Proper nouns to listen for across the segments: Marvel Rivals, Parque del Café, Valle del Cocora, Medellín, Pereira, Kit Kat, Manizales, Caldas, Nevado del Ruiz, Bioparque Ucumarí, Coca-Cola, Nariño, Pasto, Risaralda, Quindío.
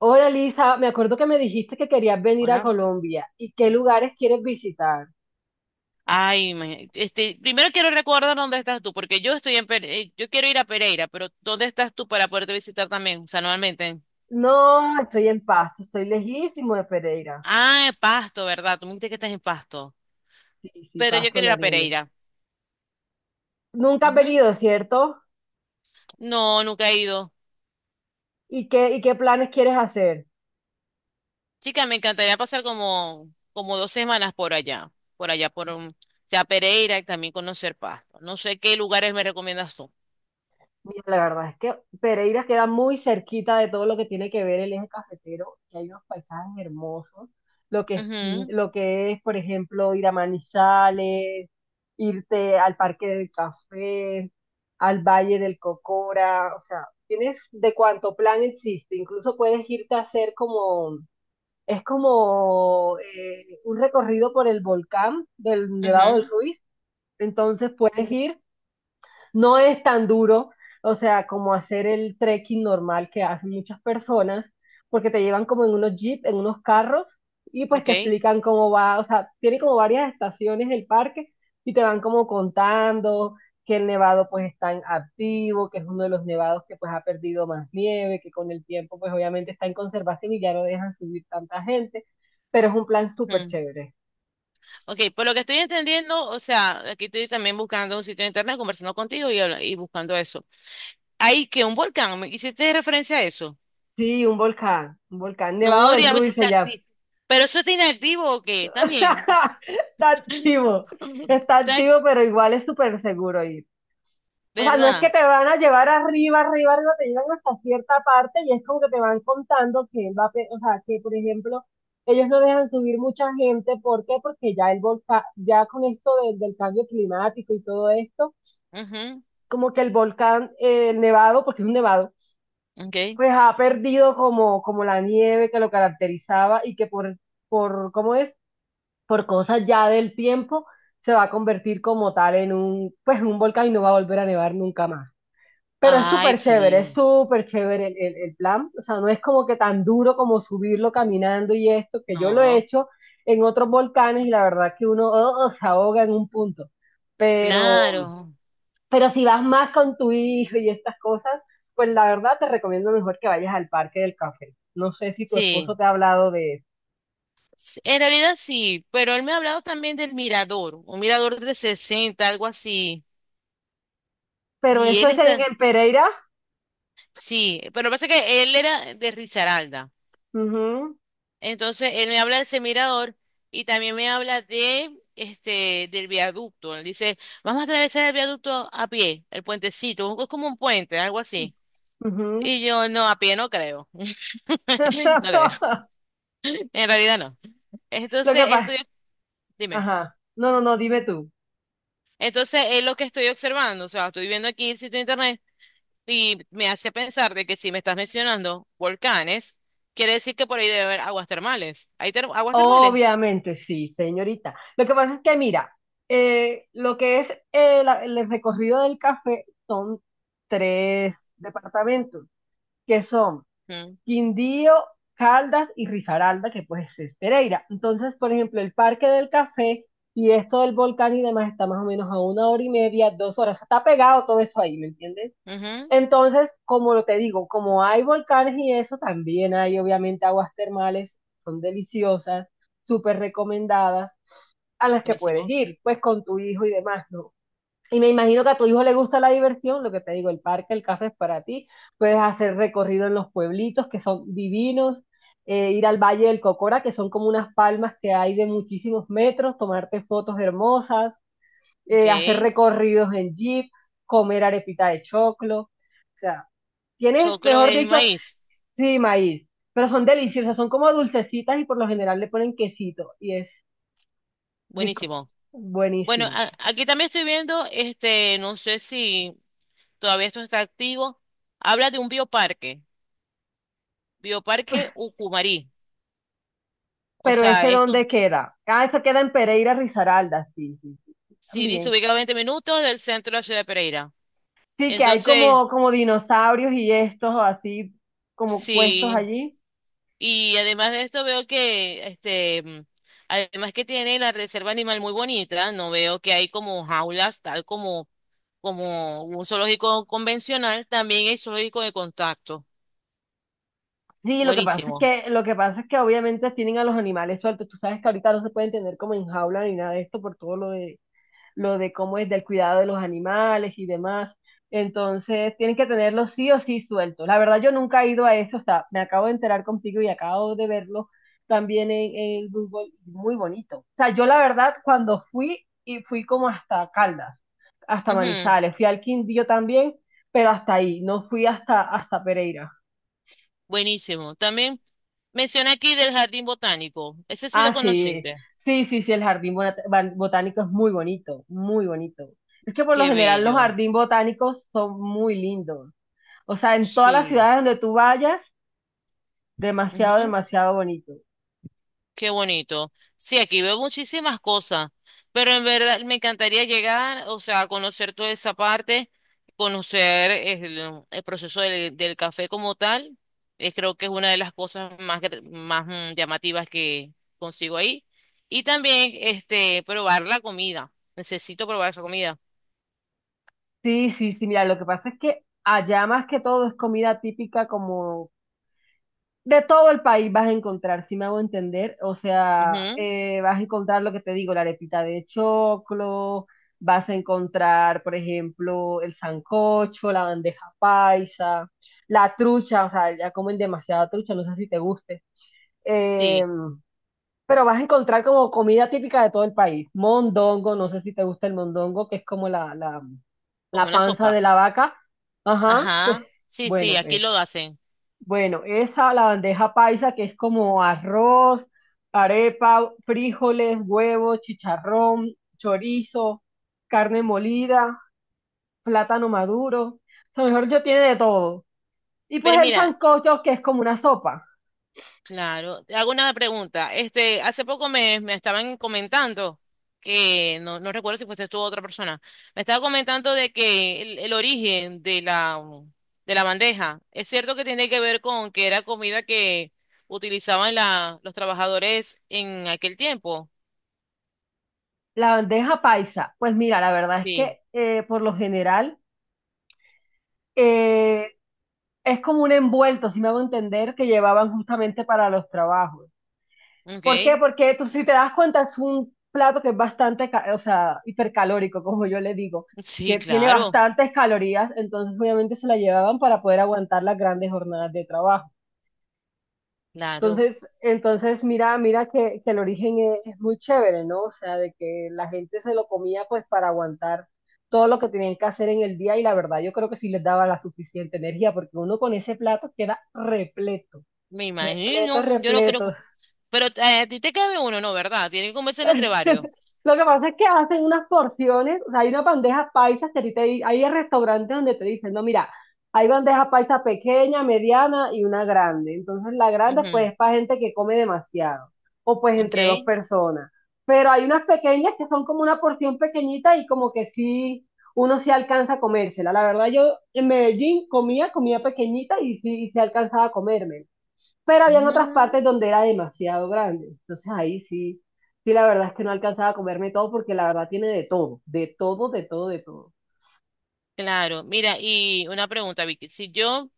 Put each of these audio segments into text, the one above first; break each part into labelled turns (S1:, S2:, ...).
S1: Hola Lisa, me acuerdo que me dijiste que querías venir a
S2: Hola.
S1: Colombia. ¿Y qué lugares quieres visitar?
S2: Ay, primero quiero recordar dónde estás tú, porque yo quiero ir a Pereira, pero ¿dónde estás tú para poderte visitar también? O sea, normalmente.
S1: No, estoy en Pasto, estoy lejísimo de Pereira.
S2: Ah, en Pasto, ¿verdad? Tú me dijiste que estás en Pasto.
S1: Sí, sí,
S2: Pero yo
S1: Pasto,
S2: quiero ir a
S1: Nariño.
S2: Pereira.
S1: Nunca has
S2: Ujú.
S1: venido, ¿cierto?
S2: No, nunca he ido.
S1: ¿Y qué planes quieres hacer?
S2: Chica, me encantaría pasar como 2 semanas por allá, o sea, Pereira y también conocer Pasto. No sé qué lugares me recomiendas tú.
S1: Mira, la verdad es que Pereira queda muy cerquita de todo lo que tiene que ver el eje cafetero, que hay unos paisajes hermosos, lo que es,
S2: Ujú,
S1: por ejemplo, ir a Manizales, irte al Parque del Café, al Valle del Cocora, o sea, tienes de cuánto plan existe, incluso puedes irte a hacer como, es como un recorrido por el volcán del Nevado del
S2: ujú,
S1: Ruiz, entonces puedes ir, no es tan duro, o sea, como hacer el trekking normal que hacen muchas personas, porque te llevan como en unos jeeps, en unos carros, y pues te
S2: ok.
S1: explican cómo va. O sea, tiene como varias estaciones el parque y te van como contando que el nevado pues está en activo, que es uno de los nevados que pues ha perdido más nieve, que con el tiempo pues obviamente está en conservación y ya no dejan subir tanta gente, pero es un plan súper
S2: Ujú.
S1: chévere.
S2: Ok, por lo que estoy entendiendo, o sea, aquí estoy también buscando un sitio de internet, conversando contigo y, y buscando eso. Hay que un volcán, ¿me hiciste referencia a eso?
S1: Sí, un volcán, Nevado
S2: No,
S1: del
S2: digamos, si
S1: Ruiz se
S2: está
S1: llama.
S2: activo. ¿Pero eso está inactivo o qué? Está bien, o sea,
S1: Está activo, está
S2: está,
S1: activo, pero igual es súper seguro ir. O sea, no es que
S2: ¿verdad?
S1: te van a llevar arriba, arriba, arriba, te llevan hasta cierta parte y es como que te van contando que él va a, o sea, que por ejemplo, ellos no dejan subir mucha gente. ¿Por qué? Porque ya el volcán, ya con esto del cambio climático y todo esto, como que el volcán, el nevado, porque es un nevado,
S2: Ujú, ok.
S1: pues ha perdido como la nieve que lo caracterizaba y que, ¿cómo es?, por cosas ya del tiempo, se va a convertir como tal en un volcán y no va a volver a nevar nunca más. Pero
S2: Ay,
S1: es
S2: sí,
S1: súper chévere el plan. O sea, no es como que tan duro como subirlo caminando y esto, que yo lo he
S2: no,
S1: hecho en otros volcanes y la verdad que uno, oh, se ahoga en un punto. Pero,
S2: claro,
S1: pero si vas más con tu hijo y estas cosas, pues la verdad te recomiendo mejor que vayas al Parque del Café. No sé si tu esposo
S2: sí.
S1: te ha hablado de eso.
S2: En realidad sí, pero él me ha hablado también del mirador, un mirador 360, algo así.
S1: Pero
S2: Y
S1: eso
S2: él
S1: es en,
S2: está,
S1: en Pereira.
S2: sí, pero pasa que él era de Risaralda.
S1: Ujú.
S2: Entonces, él me habla de ese mirador y también me habla de este del viaducto. Él dice, vamos a atravesar el viaducto a pie, el puentecito, es como un puente, algo así.
S1: Ujú.
S2: Y yo, no, a pie no creo. No creo. En realidad no.
S1: Lo que
S2: Entonces,
S1: pasa,
S2: estoy, dime.
S1: ajá, no, no, no, dime tú.
S2: Entonces, es lo que estoy observando. O sea, estoy viendo aquí el sitio de internet y me hace pensar de que si me estás mencionando volcanes, quiere decir que por ahí debe haber aguas termales. ¿ aguas termales?
S1: Obviamente, sí, señorita. Lo que pasa es que, mira, lo que es el recorrido del café son tres departamentos, que son
S2: Hmm.
S1: Quindío, Caldas y Risaralda, que pues es Pereira. Entonces, por ejemplo, el Parque del Café y esto del volcán y demás está más o menos a una hora y media, dos horas. Está pegado todo eso ahí, ¿me entiendes?
S2: Ujú,
S1: Entonces, como te digo, como hay volcanes y eso, también hay obviamente aguas termales, son deliciosas, súper recomendadas, a las que puedes
S2: buenísimo.
S1: ir, pues con tu hijo y demás, ¿no? Y me imagino que a tu hijo le gusta la diversión, lo que te digo, el parque, el café es para ti, puedes hacer recorrido en los pueblitos que son divinos, ir al Valle del Cocora, que son como unas palmas que hay de muchísimos metros, tomarte fotos hermosas,
S2: Ok.
S1: hacer recorridos en jeep, comer arepita de choclo. O sea, tienes,
S2: Choclo
S1: mejor
S2: es
S1: dicho,
S2: maíz.
S1: sí, maíz, pero son
S2: Ok.
S1: deliciosas, son como dulcecitas y por lo general le ponen quesito y es rico,
S2: Buenísimo. Bueno,
S1: buenísimo.
S2: aquí también estoy viendo, este, no sé si todavía esto está activo. Habla de un bioparque. Bioparque Ucumarí. O
S1: ¿Pero ese
S2: sea, esto con,
S1: dónde queda? Ah, eso queda en Pereira, Risaralda, sí, sí, sí,
S2: si dice
S1: también.
S2: ubicado a 20 minutos del centro de la ciudad de Pereira.
S1: Sí, que hay
S2: Entonces,
S1: como dinosaurios y estos así como puestos
S2: sí.
S1: allí.
S2: Y además de esto veo que, además que tiene la reserva animal muy bonita, no veo que hay como jaulas, tal como como un zoológico convencional, también hay zoológico de contacto.
S1: Sí, lo que pasa es
S2: Buenísimo.
S1: que, lo que pasa es que obviamente tienen a los animales sueltos. Tú sabes que ahorita no se pueden tener como en jaula ni nada de esto por todo lo de cómo es del cuidado de los animales y demás. Entonces, tienen que tenerlo sí o sí suelto. La verdad, yo nunca he ido a eso, o sea, me acabo de enterar contigo y acabo de verlo también en Google, muy bonito. O sea, yo la verdad, cuando fui, y fui como hasta Caldas, hasta
S2: Ujú,
S1: Manizales, fui al Quindío también, pero hasta ahí, no fui hasta Pereira.
S2: buenísimo. También menciona aquí del jardín botánico. Ese sí lo
S1: Ah, sí,
S2: conociste.
S1: sí, sí, sí, el jardín botánico es muy bonito, muy bonito. Es que por lo
S2: Qué
S1: general los
S2: bello.
S1: jardines botánicos son muy lindos. O sea, en todas las
S2: Sí.
S1: ciudades donde tú vayas, demasiado,
S2: Ujú.
S1: demasiado bonito.
S2: Qué bonito. Sí, aquí veo muchísimas cosas, pero en verdad me encantaría llegar, o sea, a conocer toda esa parte, conocer el proceso del café como tal. Creo que es una de las cosas más, llamativas que consigo ahí. Y también, este, probar la comida. Necesito probar esa comida.
S1: Sí, sí, sí, mira, lo que pasa es que allá más que todo es comida típica como de todo el país vas a encontrar, si me hago entender, o sea,
S2: Ujú,
S1: vas a encontrar lo que te digo, la arepita de choclo, vas a encontrar, por ejemplo, el sancocho, la bandeja paisa, la trucha. O sea, ya comen demasiada trucha, no sé si te guste.
S2: sí,
S1: Em, Pero vas a encontrar como comida típica de todo el país. Mondongo, no sé si te gusta el mondongo, que es como la, la,
S2: como
S1: la
S2: una
S1: panza de
S2: sopa.
S1: la vaca. Ajá, pues
S2: Ajá. Sí, sí,
S1: bueno,
S2: aquí lo
S1: es.
S2: hacen.
S1: Bueno, esa, la bandeja paisa, que es como arroz, arepa, frijoles, huevos, chicharrón, chorizo, carne molida, plátano maduro. O sea, mejor yo tiene de todo. Y
S2: Pero
S1: pues el
S2: mira,
S1: sancocho, que es como una sopa.
S2: claro, te hago una pregunta. Este, hace poco me estaban comentando que no, no recuerdo si fuiste tú o otra persona. Me estaba comentando de que el origen de la bandeja es cierto que tiene que ver con que era comida que utilizaban la, los trabajadores en aquel tiempo.
S1: La bandeja paisa, pues mira, la verdad es
S2: Sí,
S1: que por lo general eh, es como un envuelto, si me hago entender, que llevaban justamente para los trabajos. ¿Por qué?
S2: okay.
S1: Porque tú, si te das cuenta, es un plato que es bastante, o sea, hipercalórico, como yo le digo,
S2: Sí,
S1: que tiene
S2: claro,
S1: bastantes calorías, entonces obviamente se la llevaban para poder aguantar las grandes jornadas de trabajo.
S2: claro.
S1: Entonces mira que el origen es muy chévere, ¿no? O sea, de que la gente se lo comía pues para aguantar todo lo que tenían que hacer en el día y la verdad yo creo que sí les daba la suficiente energía porque uno con ese plato queda repleto,
S2: Me
S1: repleto,
S2: imagino, yo no creo.
S1: repleto.
S2: Que- Pero a ti te cabe uno, ¿no? ¿Verdad? Tiene que comerse entre varios.
S1: Lo que pasa es que hacen unas porciones, o sea, hay una bandeja paisa, que a ti te di- hay restaurantes donde te dicen, no, mira, hay bandeja paisa pequeña, mediana y una grande. Entonces la grande
S2: Ujú,
S1: pues es para gente que come demasiado o pues entre dos
S2: okay.
S1: personas. Pero hay unas pequeñas que son como una porción pequeñita y como que sí, uno sí alcanza a comérsela. La verdad yo en Medellín comía pequeñita y y sí alcanzaba a comerme, pero habían otras
S2: Mm.
S1: partes donde era demasiado grande. Entonces ahí sí, sí, la verdad es que no alcanzaba a comerme todo porque la verdad tiene de todo, de todo, de todo, de todo.
S2: Claro, mira, y una pregunta, Vicky. Si yo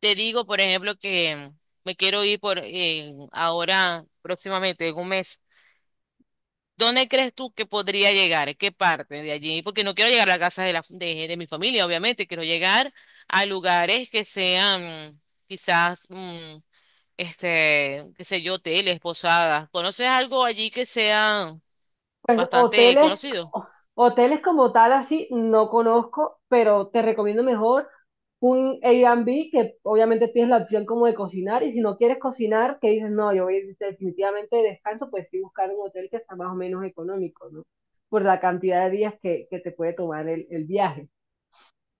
S2: te digo, por ejemplo, que me quiero ir por ahora, próximamente, en 1 mes, ¿dónde crees tú que podría llegar? ¿En ¿qué parte de allí? Porque no quiero llegar a la casa de de mi familia, obviamente. Quiero llegar a lugares que sean quizás, mm, este, qué sé yo, hoteles, posadas. ¿Conoces algo allí que sea
S1: Pues
S2: bastante
S1: hoteles,
S2: conocido?
S1: hoteles como tal así no conozco, pero te recomiendo mejor un Airbnb que obviamente tienes la opción como de cocinar, y si no quieres cocinar, que dices, no, yo voy a ir definitivamente de descanso, pues sí, buscar un hotel que sea más o menos económico, ¿no? Por la cantidad de días que te puede tomar el viaje.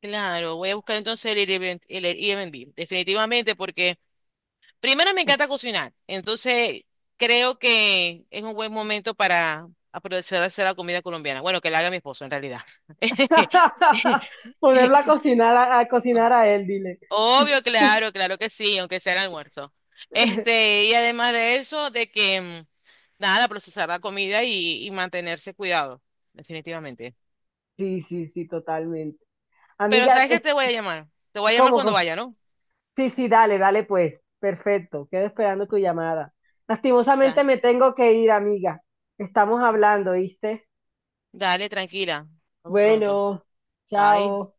S2: Claro, voy a buscar entonces el Airbnb, definitivamente, porque primero me encanta cocinar, entonces creo que es un buen momento para aprovechar a hacer la comida colombiana. Bueno, que la haga mi esposo en realidad.
S1: Ponerla a cocinar a él, dile.
S2: Obvio, claro, claro que sí, aunque sea el almuerzo. Este, y además de eso, de que mm, nada, procesar la comida y mantenerse cuidado, definitivamente.
S1: Sí, sí, sí, totalmente.
S2: Pero
S1: Amiga,
S2: ¿sabes qué
S1: es
S2: te voy a llamar? Te voy a llamar
S1: como,
S2: cuando
S1: como-
S2: vaya, ¿no?
S1: sí, sí, dale, dale pues. Perfecto, quedo esperando tu llamada. Lastimosamente
S2: Da-
S1: me tengo que ir, amiga. Estamos hablando, ¿viste?
S2: Dale, tranquila. Vamos pronto.
S1: Bueno,
S2: Bye.
S1: chao.